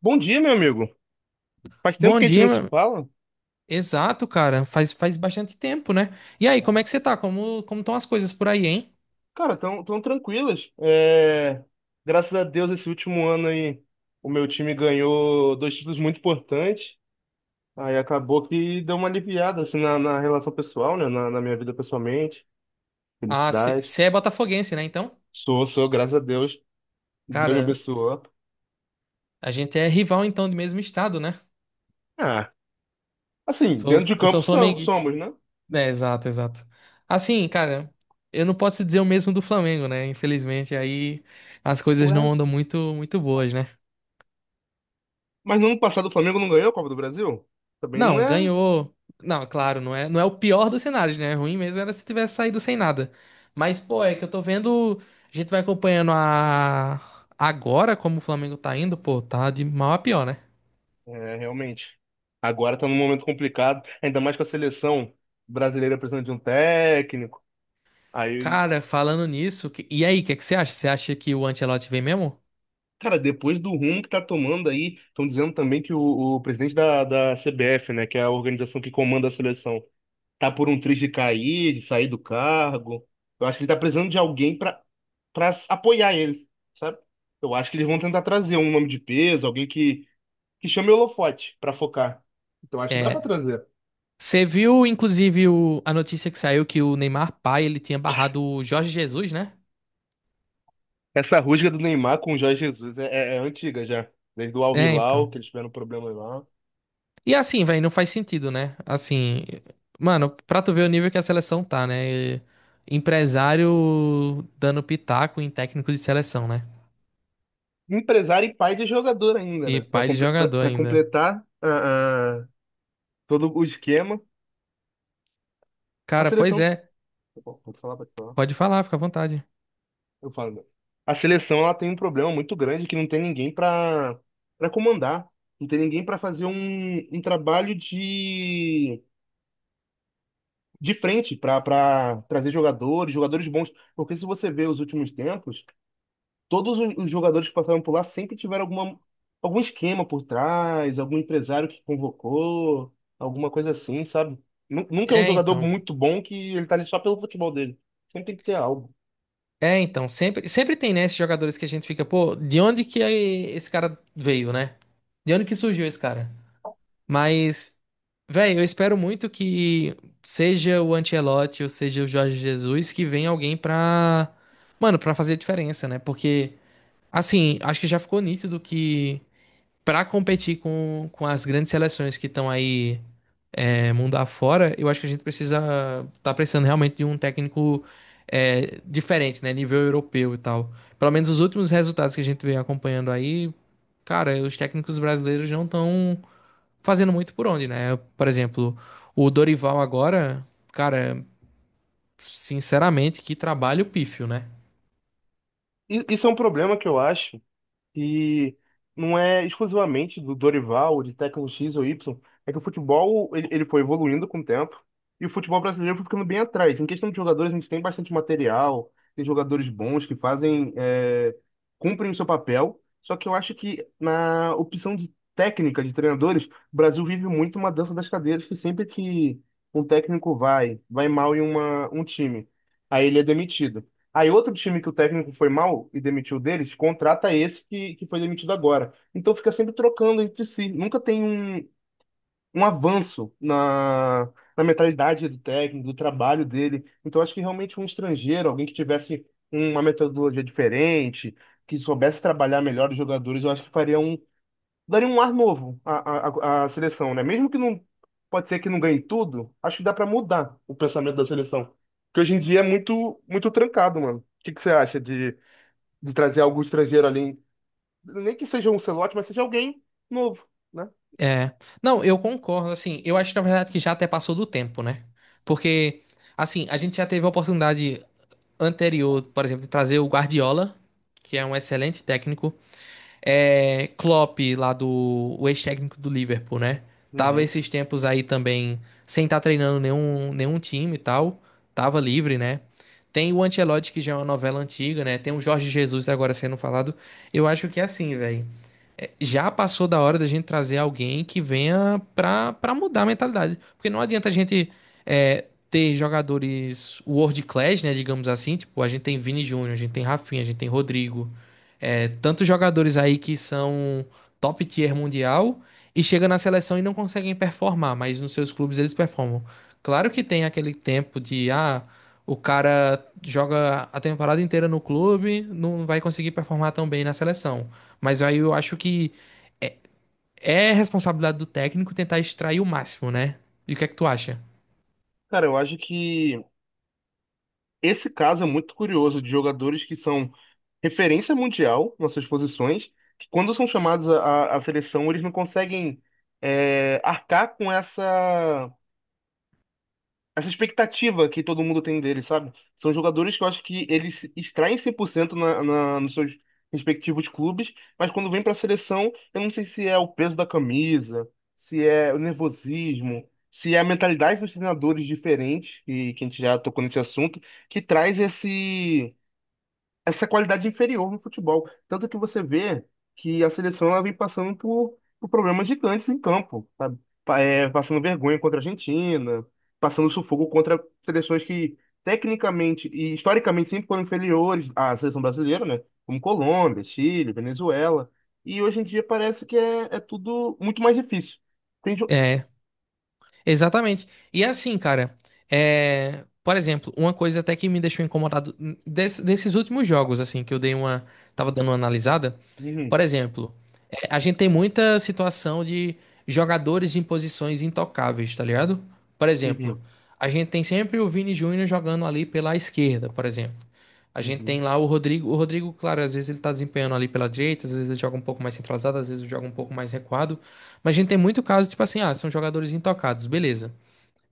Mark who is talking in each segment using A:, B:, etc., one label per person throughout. A: Bom dia, meu amigo. Faz tempo
B: Bom
A: que a gente
B: dia,
A: não se fala.
B: exato, cara. Faz bastante tempo, né? E aí, como é que você tá? Como estão as coisas por aí, hein?
A: Cara, tão tranquilas. Graças a Deus, esse último ano aí, o meu time ganhou dois títulos muito importantes. Aí acabou que deu uma aliviada assim, na relação pessoal, né? Na minha vida pessoalmente.
B: Ah, você
A: Felicidade.
B: é botafoguense, né? Então,
A: Sou, graças a Deus. Deus me
B: cara,
A: abençoou.
B: a gente é rival então do mesmo estado, né?
A: Ah, assim, dentro
B: Sou,
A: de
B: eu sou
A: campo
B: flamenguista.
A: somos, né?
B: É, exato, exato. Assim, cara, eu não posso dizer o mesmo do Flamengo, né? Infelizmente, aí as coisas
A: Ué.
B: não andam muito, muito boas, né?
A: Mas no ano passado o Flamengo não ganhou a Copa do Brasil? Também não
B: Não,
A: é.
B: ganhou. Não, claro, não é o pior dos cenários, né? É ruim mesmo era se tivesse saído sem nada. Mas, pô, é que eu tô vendo. A gente vai acompanhando a. Agora como o Flamengo tá indo, pô, tá de mal a pior, né?
A: É, realmente. Agora tá num momento complicado, ainda mais com a seleção brasileira precisando de um técnico. Aí,
B: Cara, falando nisso, e aí, o que é que você acha? Você acha que o Ancelotti vem mesmo?
A: cara, depois do rumo que tá tomando aí, estão dizendo também que o presidente da CBF, né, que é a organização que comanda a seleção, tá por um triz de cair, de sair do cargo. Eu acho que ele tá precisando de alguém pra para apoiar ele, sabe? Eu acho que eles vão tentar trazer um nome de peso, alguém que chame o holofote pra focar. Então acho que dá pra
B: É.
A: trazer.
B: Você viu, inclusive, a notícia que saiu que o Neymar pai, ele tinha barrado o Jorge Jesus, né?
A: Essa rusga do Neymar com o Jorge Jesus é antiga já. Desde o Al
B: É,
A: Hilal,
B: então.
A: que eles tiveram problema lá.
B: E assim, velho, não faz sentido, né? Assim, mano, pra tu ver o nível que a seleção tá, né? Empresário dando pitaco em técnico de seleção, né?
A: Empresário e pai de jogador ainda,
B: E
A: né? Pra
B: pai de
A: comple- pra-
B: jogador
A: pra
B: ainda.
A: completar todo o esquema, a
B: Cara, pois
A: seleção.
B: é,
A: Tá bom, pode falar.
B: pode falar, fica à vontade.
A: Eu falo, né? A seleção, ela tem um problema muito grande, que não tem ninguém pra para comandar. Não tem ninguém pra fazer um trabalho de frente, pra para trazer jogadores, jogadores bons. Porque se você vê os últimos tempos, todos os jogadores que passaram por lá sempre tiveram algum esquema por trás, algum empresário que convocou, alguma coisa assim, sabe? Nunca é um
B: É,
A: jogador
B: então.
A: muito bom que ele tá ali só pelo futebol dele. Sempre tem que ter algo.
B: É, então, sempre, sempre tem, né, esses jogadores que a gente fica, pô, de onde que esse cara veio, né? De onde que surgiu esse cara? Mas, velho, eu espero muito que seja o Ancelotti ou seja o Jorge Jesus, que venha alguém pra, mano, pra fazer a diferença, né? Porque, assim, acho que já ficou nítido que pra competir com as grandes seleções que estão aí mundo afora, eu acho que a gente precisa tá precisando realmente de um técnico diferente, né? Nível europeu e tal. Pelo menos os últimos resultados que a gente vem acompanhando aí, cara, os técnicos brasileiros não estão fazendo muito por onde, né? Por exemplo, o Dorival agora, cara, sinceramente, que trabalho pífio, né?
A: Isso é um problema que eu acho que não é exclusivamente do Dorival, de técnico X ou Y. É que o futebol ele, ele foi evoluindo com o tempo e o futebol brasileiro foi ficando bem atrás. Em questão de jogadores, a gente tem bastante material, tem jogadores bons que fazem, cumprem o seu papel. Só que eu acho que na opção de técnica de treinadores, o Brasil vive muito uma dança das cadeiras, que sempre que um técnico vai mal em uma, um time, aí ele é demitido. Aí outro time que o técnico foi mal e demitiu deles, contrata esse que foi demitido agora. Então fica sempre trocando entre si. Nunca tem um, um avanço na mentalidade do técnico, do trabalho dele. Então acho que realmente um estrangeiro, alguém que tivesse uma metodologia diferente, que soubesse trabalhar melhor os jogadores, eu acho que faria um, daria um ar novo à seleção, né? Mesmo que não, pode ser que não ganhe tudo, acho que dá pra mudar o pensamento da seleção. Que hoje em dia é muito muito trancado, mano. O que que você acha de trazer algum estrangeiro ali? Nem que seja um Ancelotti, mas seja alguém novo, né?
B: É. Não, eu concordo, assim, eu acho na verdade que já até passou do tempo, né? Porque, assim, a gente já teve a oportunidade anterior, por exemplo, de trazer o Guardiola, que é um excelente técnico. É, Klopp, lá do o ex-técnico do Liverpool, né? Tava
A: Uhum.
B: esses tempos aí também sem estar treinando nenhum time e tal. Tava livre, né? Tem o Ancelotti, que já é uma novela antiga, né? Tem o Jorge Jesus agora sendo falado. Eu acho que é assim, velho, já passou da hora da gente trazer alguém que venha pra, pra mudar a mentalidade. Porque não adianta a gente ter jogadores world class, né, digamos assim. Tipo, a gente tem Vini Júnior, a gente tem Rafinha, a gente tem Rodrigo. Tantos jogadores aí que são top tier mundial e chega na seleção e não conseguem performar, mas nos seus clubes eles performam. Claro que tem aquele tempo de, ah, o cara joga a temporada inteira no clube, não vai conseguir performar tão bem na seleção. Mas aí eu acho que é responsabilidade do técnico tentar extrair o máximo, né? E o que é que tu acha?
A: Cara, eu acho que esse caso é muito curioso, de jogadores que são referência mundial nas suas posições, que quando são chamados à seleção, eles não conseguem arcar com essa expectativa que todo mundo tem dele, sabe? São jogadores que eu acho que eles extraem 100% nos seus respectivos clubes, mas quando vem para a seleção, eu não sei se é o peso da camisa, se é o nervosismo, se é a mentalidade dos treinadores diferentes, e que a gente já tocou nesse assunto, que traz esse essa qualidade inferior no futebol. Tanto que você vê que a seleção, ela vem passando por problemas gigantes em campo, sabe? Passando vergonha contra a Argentina, passando sufoco contra seleções que tecnicamente e historicamente sempre foram inferiores à seleção brasileira, né? Como Colômbia, Chile, Venezuela. E hoje em dia parece que é tudo muito mais difícil. Tem jo-
B: É, Exatamente. E é assim, cara, por exemplo, uma coisa até que me deixou incomodado desses últimos jogos, assim, que eu dei uma. Tava dando uma analisada.
A: Uhum,
B: Por exemplo, a gente tem muita situação de jogadores em posições intocáveis, tá ligado? Por
A: uhum,
B: exemplo, a gente tem sempre o Vini Júnior jogando ali pela esquerda, por exemplo. A gente tem
A: uhum.
B: lá o Rodrigo. O Rodrigo, claro, às vezes ele tá desempenhando ali pela direita, às vezes ele joga um pouco mais centralizado, às vezes ele joga um pouco mais recuado. Mas a gente tem muito caso, tipo assim, ah, são jogadores intocados, beleza.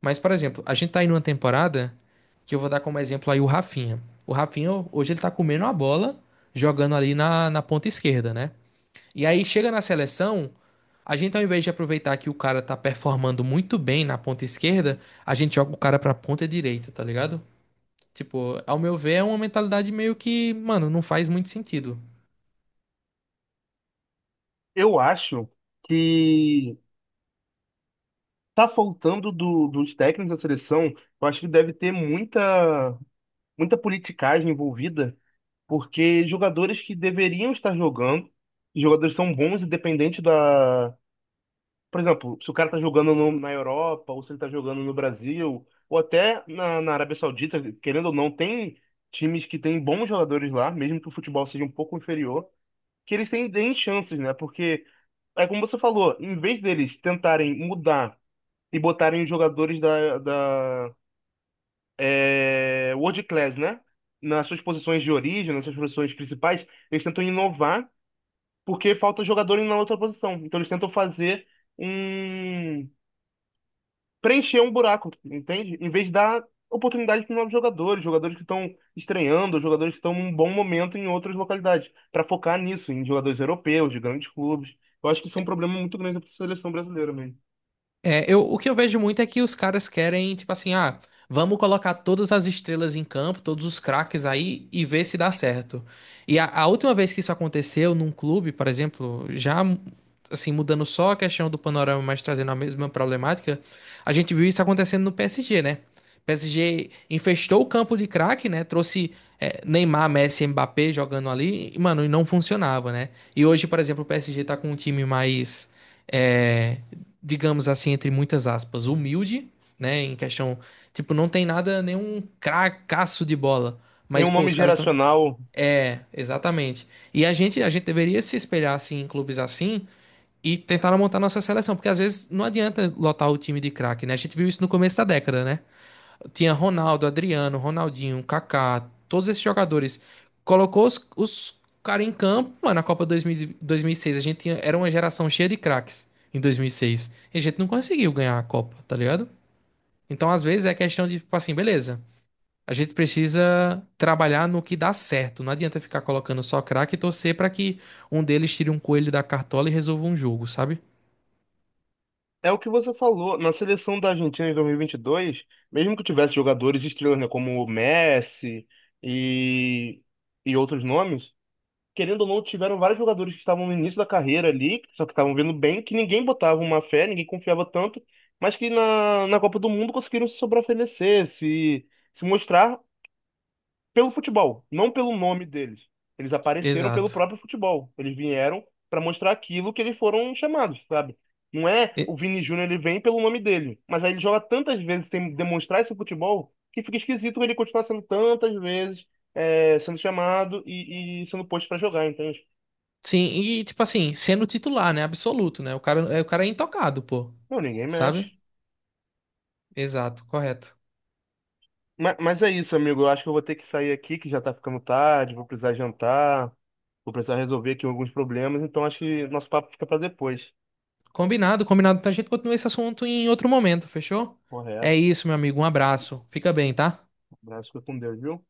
B: Mas, por exemplo, a gente tá aí numa temporada que eu vou dar como exemplo aí o Rafinha. O Rafinha, hoje ele tá comendo a bola, jogando ali na ponta esquerda, né? E aí chega na seleção, a gente, ao invés de aproveitar que o cara tá performando muito bem na ponta esquerda, a gente joga o cara pra ponta direita, tá ligado? Tipo, ao meu ver, é uma mentalidade meio que, mano, não faz muito sentido.
A: Eu acho que tá faltando dos técnicos da seleção. Eu acho que deve ter muita politicagem envolvida, porque jogadores que deveriam estar jogando, e jogadores são bons independente da. Por exemplo, se o cara tá jogando na Europa, ou se ele tá jogando no Brasil, ou até na Arábia Saudita, querendo ou não, tem times que têm bons jogadores lá, mesmo que o futebol seja um pouco inferior, que eles têm, têm chances, né? Porque é como você falou, em vez deles tentarem mudar e botarem os jogadores da World Class, né? Nas suas posições de origem, nas suas posições principais, eles tentam inovar, porque falta jogador na outra posição. Então eles tentam fazer um... preencher um buraco, entende? Em vez de dar oportunidade para novos jogadores, jogadores que estão estreando, jogadores que estão num bom momento em outras localidades, para focar nisso, em jogadores europeus, de grandes clubes. Eu acho que isso é um problema muito grande para a seleção brasileira mesmo.
B: É, eu, o que eu vejo muito é que os caras querem, tipo assim, ah, vamos colocar todas as estrelas em campo, todos os craques aí e ver se dá certo. E a última vez que isso aconteceu num clube, por exemplo, já assim, mudando só a questão do panorama, mas trazendo a mesma problemática, a gente viu isso acontecendo no PSG, né? O PSG infestou o campo de craque, né? Trouxe Neymar, Messi, Mbappé jogando ali, e, mano, e não funcionava, né? E hoje, por exemplo, o PSG tá com um time mais. É, digamos assim, entre muitas aspas, humilde, né? Em questão, tipo, não tem nada, nenhum cracaço de bola. Mas,
A: Nenhum
B: pô,
A: nome
B: os caras estão.
A: geracional.
B: É, exatamente. E a gente deveria se espelhar assim em clubes assim e tentar montar nossa seleção, porque às vezes não adianta lotar o time de craque, né? A gente viu isso no começo da década, né? Tinha Ronaldo, Adriano, Ronaldinho, Kaká, todos esses jogadores. Colocou os caras em campo, mano, na Copa dois mil e 2006. A gente tinha, era uma geração cheia de craques em 2006. E seis. E a gente não conseguiu ganhar a Copa, tá ligado? Então, às vezes, é questão de, tipo assim, beleza. A gente precisa trabalhar no que dá certo. Não adianta ficar colocando só craque e torcer pra que um deles tire um coelho da cartola e resolva um jogo, sabe?
A: É o que você falou. Na seleção da Argentina em 2022, mesmo que tivesse jogadores estrelas, né, como o Messi e, e outros nomes, querendo ou não, tiveram vários jogadores que estavam no início da carreira ali, só que estavam vindo bem, que ninguém botava uma fé, ninguém confiava tanto, mas que na Copa do Mundo conseguiram se sobreoferecer, se mostrar pelo futebol, não pelo nome deles. Eles apareceram pelo
B: Exato.
A: próprio futebol. Eles vieram para mostrar aquilo que eles foram chamados, sabe? Não é
B: E-
A: o Vini Júnior, ele vem pelo nome dele. Mas aí ele joga tantas vezes sem demonstrar esse futebol, que fica esquisito ele continuar sendo tantas vezes sendo chamado e sendo posto para jogar. Então,
B: Sim, e tipo assim, sendo titular, né? Absoluto, né? O cara é intocado, pô.
A: não, ninguém mexe.
B: Sabe? Exato, correto.
A: Mas é isso, amigo. Eu acho que eu vou ter que sair aqui, que já tá ficando tarde. Vou precisar jantar. Vou precisar resolver aqui alguns problemas. Então, acho que nosso papo fica para depois.
B: Combinado, combinado. Então a gente continua esse assunto em outro momento, fechou? É
A: Correto.
B: isso, meu amigo. Um abraço. Fica bem, tá?
A: Um abraço, fica com Deus, viu?